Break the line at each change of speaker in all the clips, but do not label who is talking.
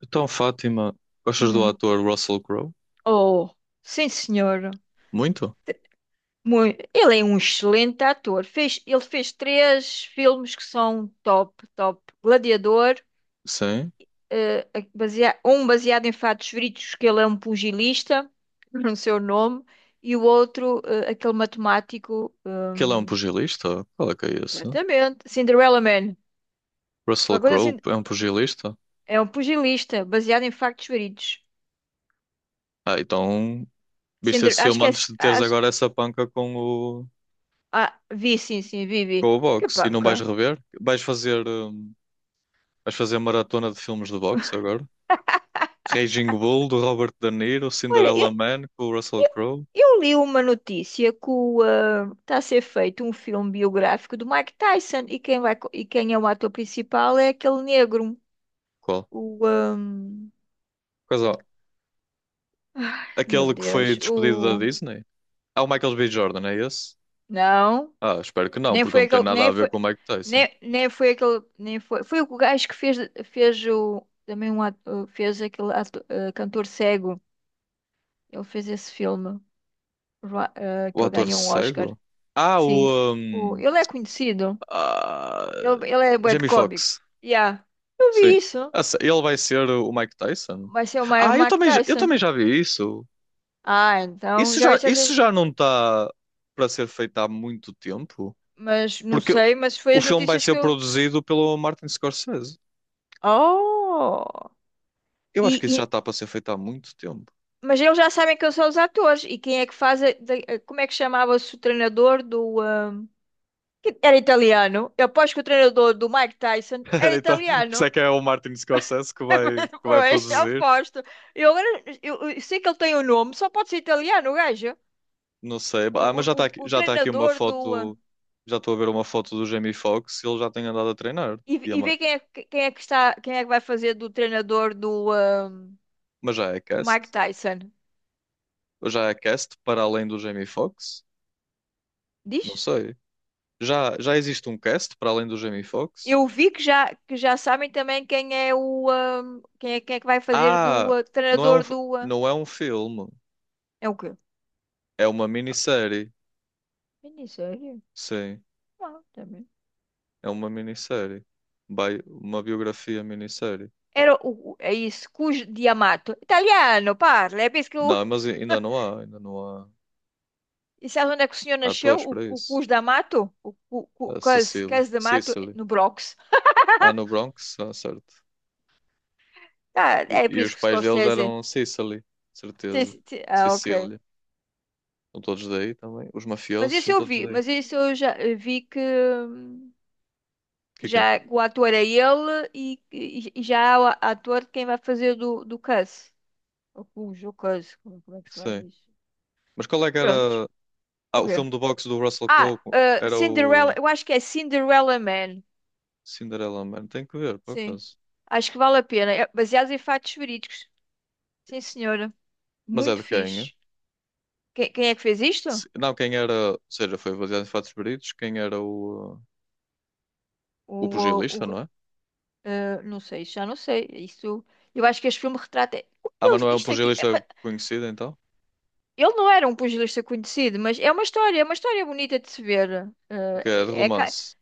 Então, Fátima, gostas do
Hum.
ator Russell Crowe?
Oh, sim, senhor.
Muito?
Ele é um excelente ator. Ele fez três filmes que são top, top. Gladiador,
Sim.
eh, um baseado em fatos verídicos, que ele é um pugilista, no seu nome, e o outro, aquele matemático,
Que ele é um pugilista? Qual é que é isso?
exatamente, Cinderella Man.
Russell
Qualquer coisa
Crowe
assim,
é um pugilista?
é um pugilista, baseado em factos verídicos.
Ah, então viste
Cinder,
esse
acho
filme
que é.
antes de teres
Acho,
agora essa panca com
vi, sim, sim, vi,
com
vi.
o
Que
boxe e não vais
panca.
rever? Vais fazer maratona de filmes de boxe agora? Raging Bull, do Robert De Niro,
Olha, Eu
Cinderella Man, com o Russell Crowe?
eu li uma notícia que está a ser feito um filme biográfico do Mike Tyson e quem vai, e quem é o ator principal é aquele negro.
Qual?
O, ah,
Coisa,
Ai, meu
aquele que foi
Deus,
despedido da
o
Disney? Ah, o Michael B. Jordan, é esse?
não,
Ah, espero que não,
nem
porque
foi
não tem
aquele,
nada
nem
a ver
foi,
com o Mike Tyson.
nem foi aquele, nem foi, foi o gajo que fez o também um ato- fez aquele ato- ah, cantor cego. Ele fez esse filme,
O
que ele
ator
ganhou um Oscar.
cego? Ah,
Sim,
o. hum,
ele é conhecido.
ah,
Ele é bué de
Jamie
cômico.
Foxx.
Yeah. Eu
Sim.
vi isso.
Ah, Ele vai ser o Mike Tyson?
Vai ser o o
Ah, eu
Mike
também, eu
Tyson.
também já vi isso.
Ah, então já viste essas.
Isso já não está para ser feito há muito tempo.
Mas não
Porque
sei, mas foi
o
as
filme vai
notícias que
ser
eu.
produzido pelo Martin Scorsese.
Oh!
Eu acho
E,
que isso já
e-
está para ser feito há muito tempo.
Mas eles já sabem quem são os atores e quem é que faz. Como é que chamava-se o treinador do, que era italiano. Eu aposto que o treinador do Mike Tyson era
Então, se
italiano.
é que é o Martin Scorsese que vai
Pois,
produzir.
aposto. Eu agora. Eu sei que ele tem o nome, só pode ser italiano, o gajo.
Não sei.
O,
Ah, mas
o, o, o
já está aqui uma
treinador do.
foto. Já estou a ver uma foto do Jamie Foxx. Ele já tem andado a treinar.
E,
E
e ver quem é que está, quem é que vai fazer do treinador do,
mas já é
do Mike
cast?
Tyson.
Já é cast para além do Jamie Foxx? Não
Diz?
sei. Já existe um cast para além do Jamie Foxx?
Eu vi que já sabem também quem é o quem é que vai fazer do
Ah, não é um,
treinador
f-
do
não é um filme.
é o quê?
É uma minissérie.
Minissérie?
Sim,
Ah, também.
é uma minissérie. Uma biografia minissérie.
Era o, é isso, Cus Di Amato Italiano, parla. É por isso que o
Não, mas ainda não há. Ainda não há
e sabe onde é que o senhor nasceu?
atores
O,
para
o
isso.
Cus D'Amato? O
A
Cus,
Cecily.
Cus D'Amato
Cecily.
no Bronx.
Ah, no Bronx? Ah, certo.
Ah, é por
E
isso
os
que o
pais deles
Scorsese.
eram Sicily,
Sim,
certeza.
sim, sim. Ah, ok.
Sicília. São todos daí também. Os
Mas
mafiosos
esse
são
eu
todos
vi,
daí. O
mas esse eu já vi que,
que é?
já o ator é ele e, e já há o ator de quem vai fazer do, do Cus. Ou Cus, ou Cus, como é que se fala
Sei.
isso?
Mas qual é que
Prontos.
era... Ah,
O
o
quê?
filme do boxe do Russell Crowe era o
Cinderella, eu acho que é Cinderella Man.
Cinderella Man. Tem que ver, por
Sim.
acaso.
Acho que vale a pena. É baseado em fatos verídicos. Sim, senhora.
Mas é
Muito
de quem? É?
fixe. Quem é que fez isto?
Não, quem era... Ou seja, foi baseado em fatos verídicos. Quem era
O,
o
o,
pugilista,
o-
não é?
não sei, já não sei. Isso, eu acho que este filme retrata.
Ah, mas não é um
Isto aqui.
pugilista conhecido, então?
Ele não era um pugilista conhecido, mas é uma história bonita de se ver.
Que é de
É, é ca-
romance.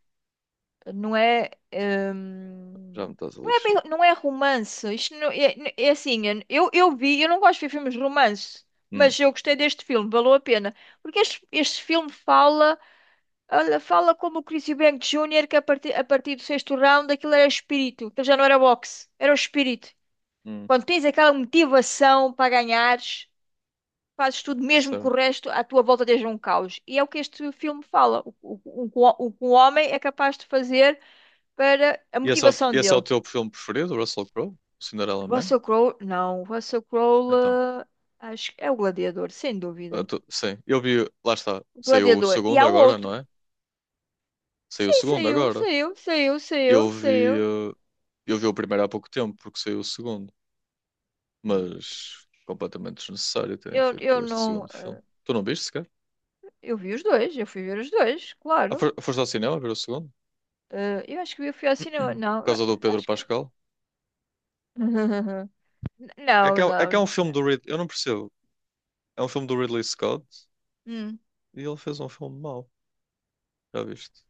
não é,
Já me estás a
não é
lixar.
não é romance. Isto não- É, assim, eu vi, eu não gosto de ver filmes de romance,
Hum,
mas eu gostei deste filme, valeu a pena. Porque este filme fala, olha, fala como o Chris Eubank Junior, que a partir do sexto round aquilo era espírito, aquilo já não era boxe, era o espírito.
hum,
Quando tens aquela motivação para ganhares fazes tudo mesmo que
certo.
o resto à tua volta esteja um caos. E é o que este filme fala, que o que um homem é capaz de fazer para a
E esse é,
motivação
esse é o
dele.
teu filme preferido, o Russell Crowe? O Cinderella Man?
Russell Crowe, não, Russell Crowe,
Então,
acho que é o Gladiador, sem dúvida.
sim, eu vi, lá está,
O
saiu o
Gladiador. E
segundo
há o
agora,
outro.
não é? Saiu o
Sim,
segundo
saiu,
agora.
saiu, saiu, saiu,
Eu
saiu.
vi, eu vi o primeiro há pouco tempo, porque saiu o segundo,
Meu,
mas completamente desnecessário terem
Eu,
feito
eu
este
não.
segundo filme. Tu não viste sequer?
Eu vi os dois, eu fui ver os dois,
Ah,
claro.
Foste ao cinema ver o segundo?
Eu acho que eu fui ao cinema.
Por
Não,
causa do
eu
Pedro
acho que.
Pascal?
Não,
É que é um
não.
filme do Ridley, eu não percebo. É um filme do Ridley Scott
Hum.
e ele fez um filme mau, já viste?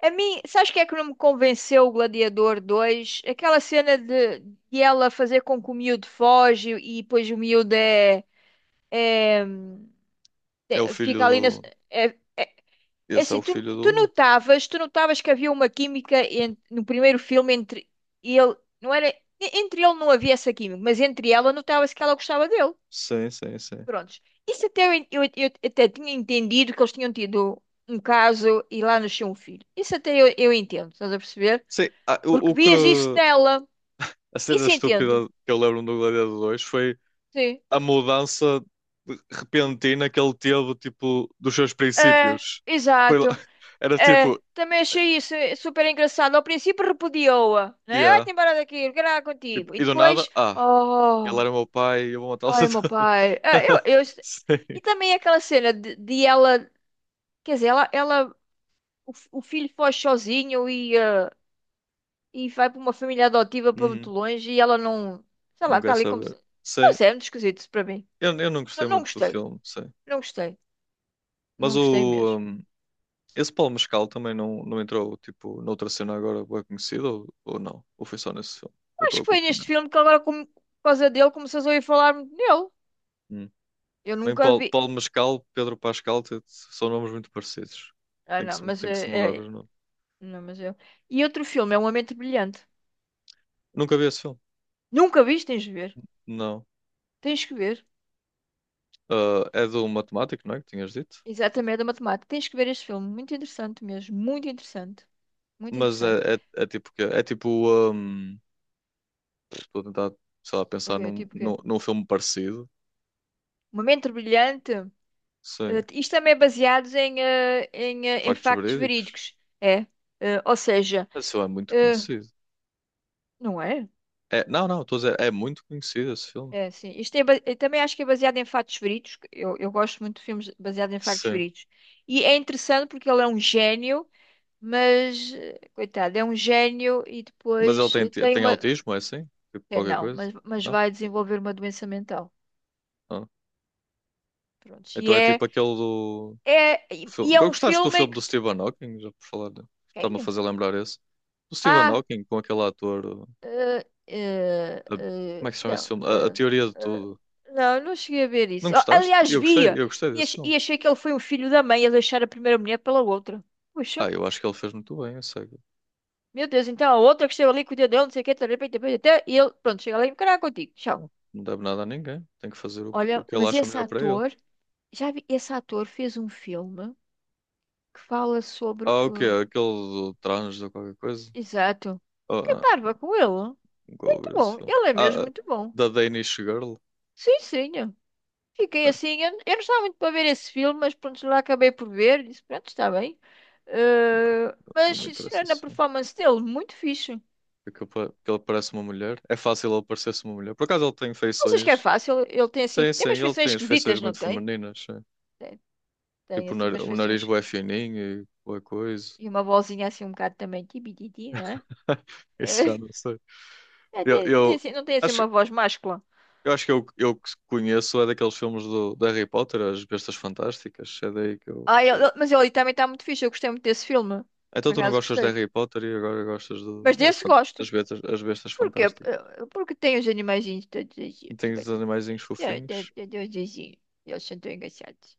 A mim, sabes que é que não me convenceu o Gladiador 2? Aquela cena de, ela fazer com que o miúdo foge e depois o miúdo é, é-
É o filho
fica ali na.
do.
É, é
Esse é
assim,
o filho do outro.
tu notavas que havia uma química no primeiro filme entre ele, não era, entre ele não havia essa química, mas entre ela notava-se que ela gostava dele.
Sim, sim, sim.
Prontos. Isso até eu, eu até tinha entendido que eles tinham tido um caso e lá nasceu um filho. Isso até eu entendo, estás a perceber?
Sim, ah,
Porque
o
vias isso
que.
nela.
A cena
Isso entendo.
estúpida que eu lembro do Gladiador 2 foi
Sim.
a mudança repentina que ele teve, tipo, dos seus
É,
princípios. Foi lá-
exato.
Era
É,
tipo,
também achei isso super engraçado. Ao princípio repudiou-a, né? Ai,
yeah.
tem embora daqui, eu quero nada
Tipo,
contigo. E
e do nada,
depois,
ah, ele
oh,
era meu pai e eu vou matá-los a
ai, meu
todos.
pai. Ah, eu...
Sim.
E também aquela cena de, ela, quer dizer, ela o filho foge sozinho e, e vai para uma família adotiva para muito
Uhum.
longe e ela não, sei lá,
Não
está
quero
ali como se.
saber.
Não
Sim.
sei, é muito esquisito isso para mim.
Eu não gostei
Não, não
muito do
gostei,
filme, sim.
não gostei, não
Mas
gostei
o.
mesmo.
um, esse Paulo Mescal também não, não entrou, tipo, noutra cena agora bem conhecida ou não? Ou foi só nesse filme? Ou
Acho
estou a
que foi
confundir?
neste filme que agora, por causa dele, começas a ouvir falar muito nele. Eu
Bem,
nunca
Paulo,
vi.
Paulo Mascal, Pedro Pascal, são nomes muito parecidos.
Ah, não, mas
Tem que se mudar
é,
os nomes.
Não, mas eu. E outro filme, é Uma Mente Brilhante.
Nunca vi esse filme?
Nunca viste, tens de ver.
Não.
Tens que ver.
Ah, é do matemático, não é? Que tinhas dito?
Exatamente, é da matemática. Tens que ver este filme. Muito interessante mesmo. Muito interessante. Muito
Mas
interessante.
é, é, é tipo que é tipo. hum, Estou a tentar, sei lá,
O
pensar
Ok, tipo o quê?
num filme parecido.
Uma Mente Brilhante.
Sim.
Isto também é baseado em
Factos
factos
verídicos.
verídicos. É. Ou seja,
Esse filme é muito
eh,
conhecido.
não é?
É, não, não, estou a dizer, é muito conhecido esse filme.
É, sim. Isto é, eu também acho que é baseado em factos verídicos. Que eu gosto muito de filmes baseados em factos
Sim.
verídicos. E é interessante porque ele é um gênio, mas, coitado, é um gênio e
Mas ele
depois
tem,
tem
tem
uma.
autismo, é assim? Tipo
É,
qualquer
não,
coisa?
mas
Não?
vai desenvolver uma doença mental.
Ah.
Pronto. E
Então é tipo
é,
aquele do.
e é um
Gostaste do
filme em
filme
que.
do Stephen Hawking? Já por falar, está-me a
Quem?
fazer lembrar esse. Do Stephen
Ah.
Hawking com aquele ator.
Ah,
Como é que se chama esse
não,
filme? A Teoria de
ah,
Tudo.
não, não cheguei a ver
Não
isso. Oh,
gostaste?
aliás, via!
Eu gostei desse filme.
E achei que ele foi um filho da mãe a deixar a primeira mulher pela outra. Puxa,
Ah, eu acho que ele fez muito bem, eu sei.
meu Deus, então a outra que esteve ali cuidando dele, não sei o quê, tarará, tarará, tarará, até e ele, pronto, chega ali e caralho contigo. Tchau.
Não deve nada a ninguém. Tem que fazer o
Olha,
que ele
mas
acha
esse
melhor para ele.
ator, já vi, esse ator fez um filme que fala sobre
Ah, o quê?
o.
Aquele do trans ou qualquer coisa?
Exato.
Oh,
Fiquei
não,
parva com ele.
nunca
Muito
ouvi esse
bom,
filme.
ele é mesmo muito bom.
Da Danish Girl?
Sim, sim. Fiquei
Ah,
assim, eu não estava muito para ver esse filme, mas pronto, lá acabei por ver, disse, pronto, está bem.
não
Mas,
me interessa
sinceramente, a
esse filme.
performance dele, muito fixe.
Porque porque ele parece uma mulher. É fácil ele parecer-se uma mulher. Por acaso ele tem
Não sei se é
feições
fácil, ele tem assim,
Sim,
tem
sim,
umas
ele
feições
tem as feições
esquisitas, não
muito
tem?
femininas, sim.
Tem, tem
Tipo,
assim umas
o nariz
feições
bué fininho e boa coisa.
e uma vozinha assim um bocado também, tibititi, não é?
Isso já
Eh,
não sei.
É,
Eu,
não tem
eu
assim, não tem assim
acho,
uma voz máscula.
eu acho que eu que conheço é daqueles filmes do, de Harry Potter, As Bestas Fantásticas. É daí que eu.
Ah, mas ele também está muito fixe, eu gostei muito desse filme,
Então
por
tu não
acaso
gostas de
gostei.
Harry Potter e agora gostas
Mas
das
desse gosto.
as bestas
Por quê?
fantásticas.
Porque tem os animaizinhos todos os dias. Eu
Tens os
gosto muito
animaizinhos fofinhos.
dos vizinhos. Eles são tão engraçados.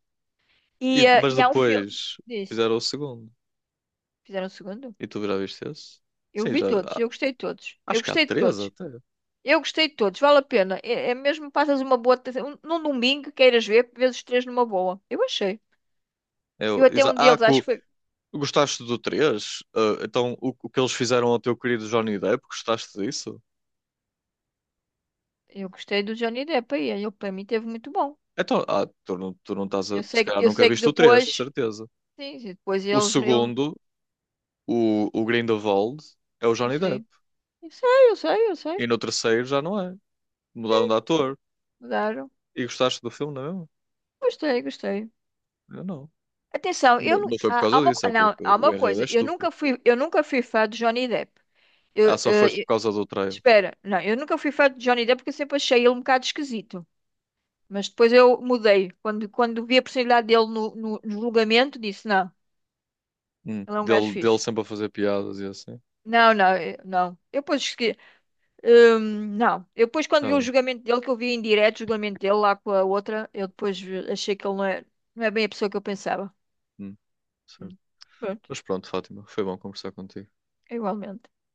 E- mas
E há um filme.
depois
Diz.
fizeram o segundo.
Fizeram o segundo?
E tu já viste esse?
Eu
Sim,
vi todos. Eu gostei de todos. Eu
acho que há
gostei de
três
todos.
até.
Eu gostei de todos. Vale a pena. É mesmo passas uma boa. Um, num domingo, queiras ver, vês os três numa boa. Eu achei.
Eu,
Eu até um deles, acho que foi.
Gostaste do 3? Ah, então, o que eles fizeram ao teu querido Johnny Depp, gostaste disso?
Eu gostei do Johnny Depp aí. Ele para mim teve muito bom.
Então, ah, tu não estás a.
Eu
Se
sei,
calhar
eu
nunca
sei que
viste o 3, de
depois.
certeza.
Sim, sim, depois
O
eles. Ele,
segundo, o Grindelwald, é o Johnny Depp.
sim. Eu sei, eu sei, eu sei.
E no terceiro já não é. Mudaram de ator.
Mudaram.
E gostaste do filme, não é mesmo?
Gostei, gostei.
Eu não.
Atenção,
Não, não foi por
há
causa
uma,
disso, é
não,
porque
há
o
uma
enredo é
coisa,
estúpido.
eu nunca fui fã de Johnny Depp. Eu,
Ah, só foste
eh, eu-
por causa do trailer.
Espera, não, eu nunca fui fã de Johnny Depp porque eu sempre achei ele um bocado esquisito. Mas depois eu mudei. Quando vi a possibilidade dele no julgamento, disse, não, ele é um gajo
Dele, dele
fixe.
sempre a fazer piadas e assim.
Não, não, não. Não. Eu depois quando vi
Ah,
o
bem.
julgamento dele, que eu vi em direto o julgamento dele lá com a outra, eu depois achei que ele não é, não é bem a pessoa que eu pensava.
Hum, certo.
Hum. Pronto,
Mas pronto, Fátima, foi bom conversar contigo.
é igualmente.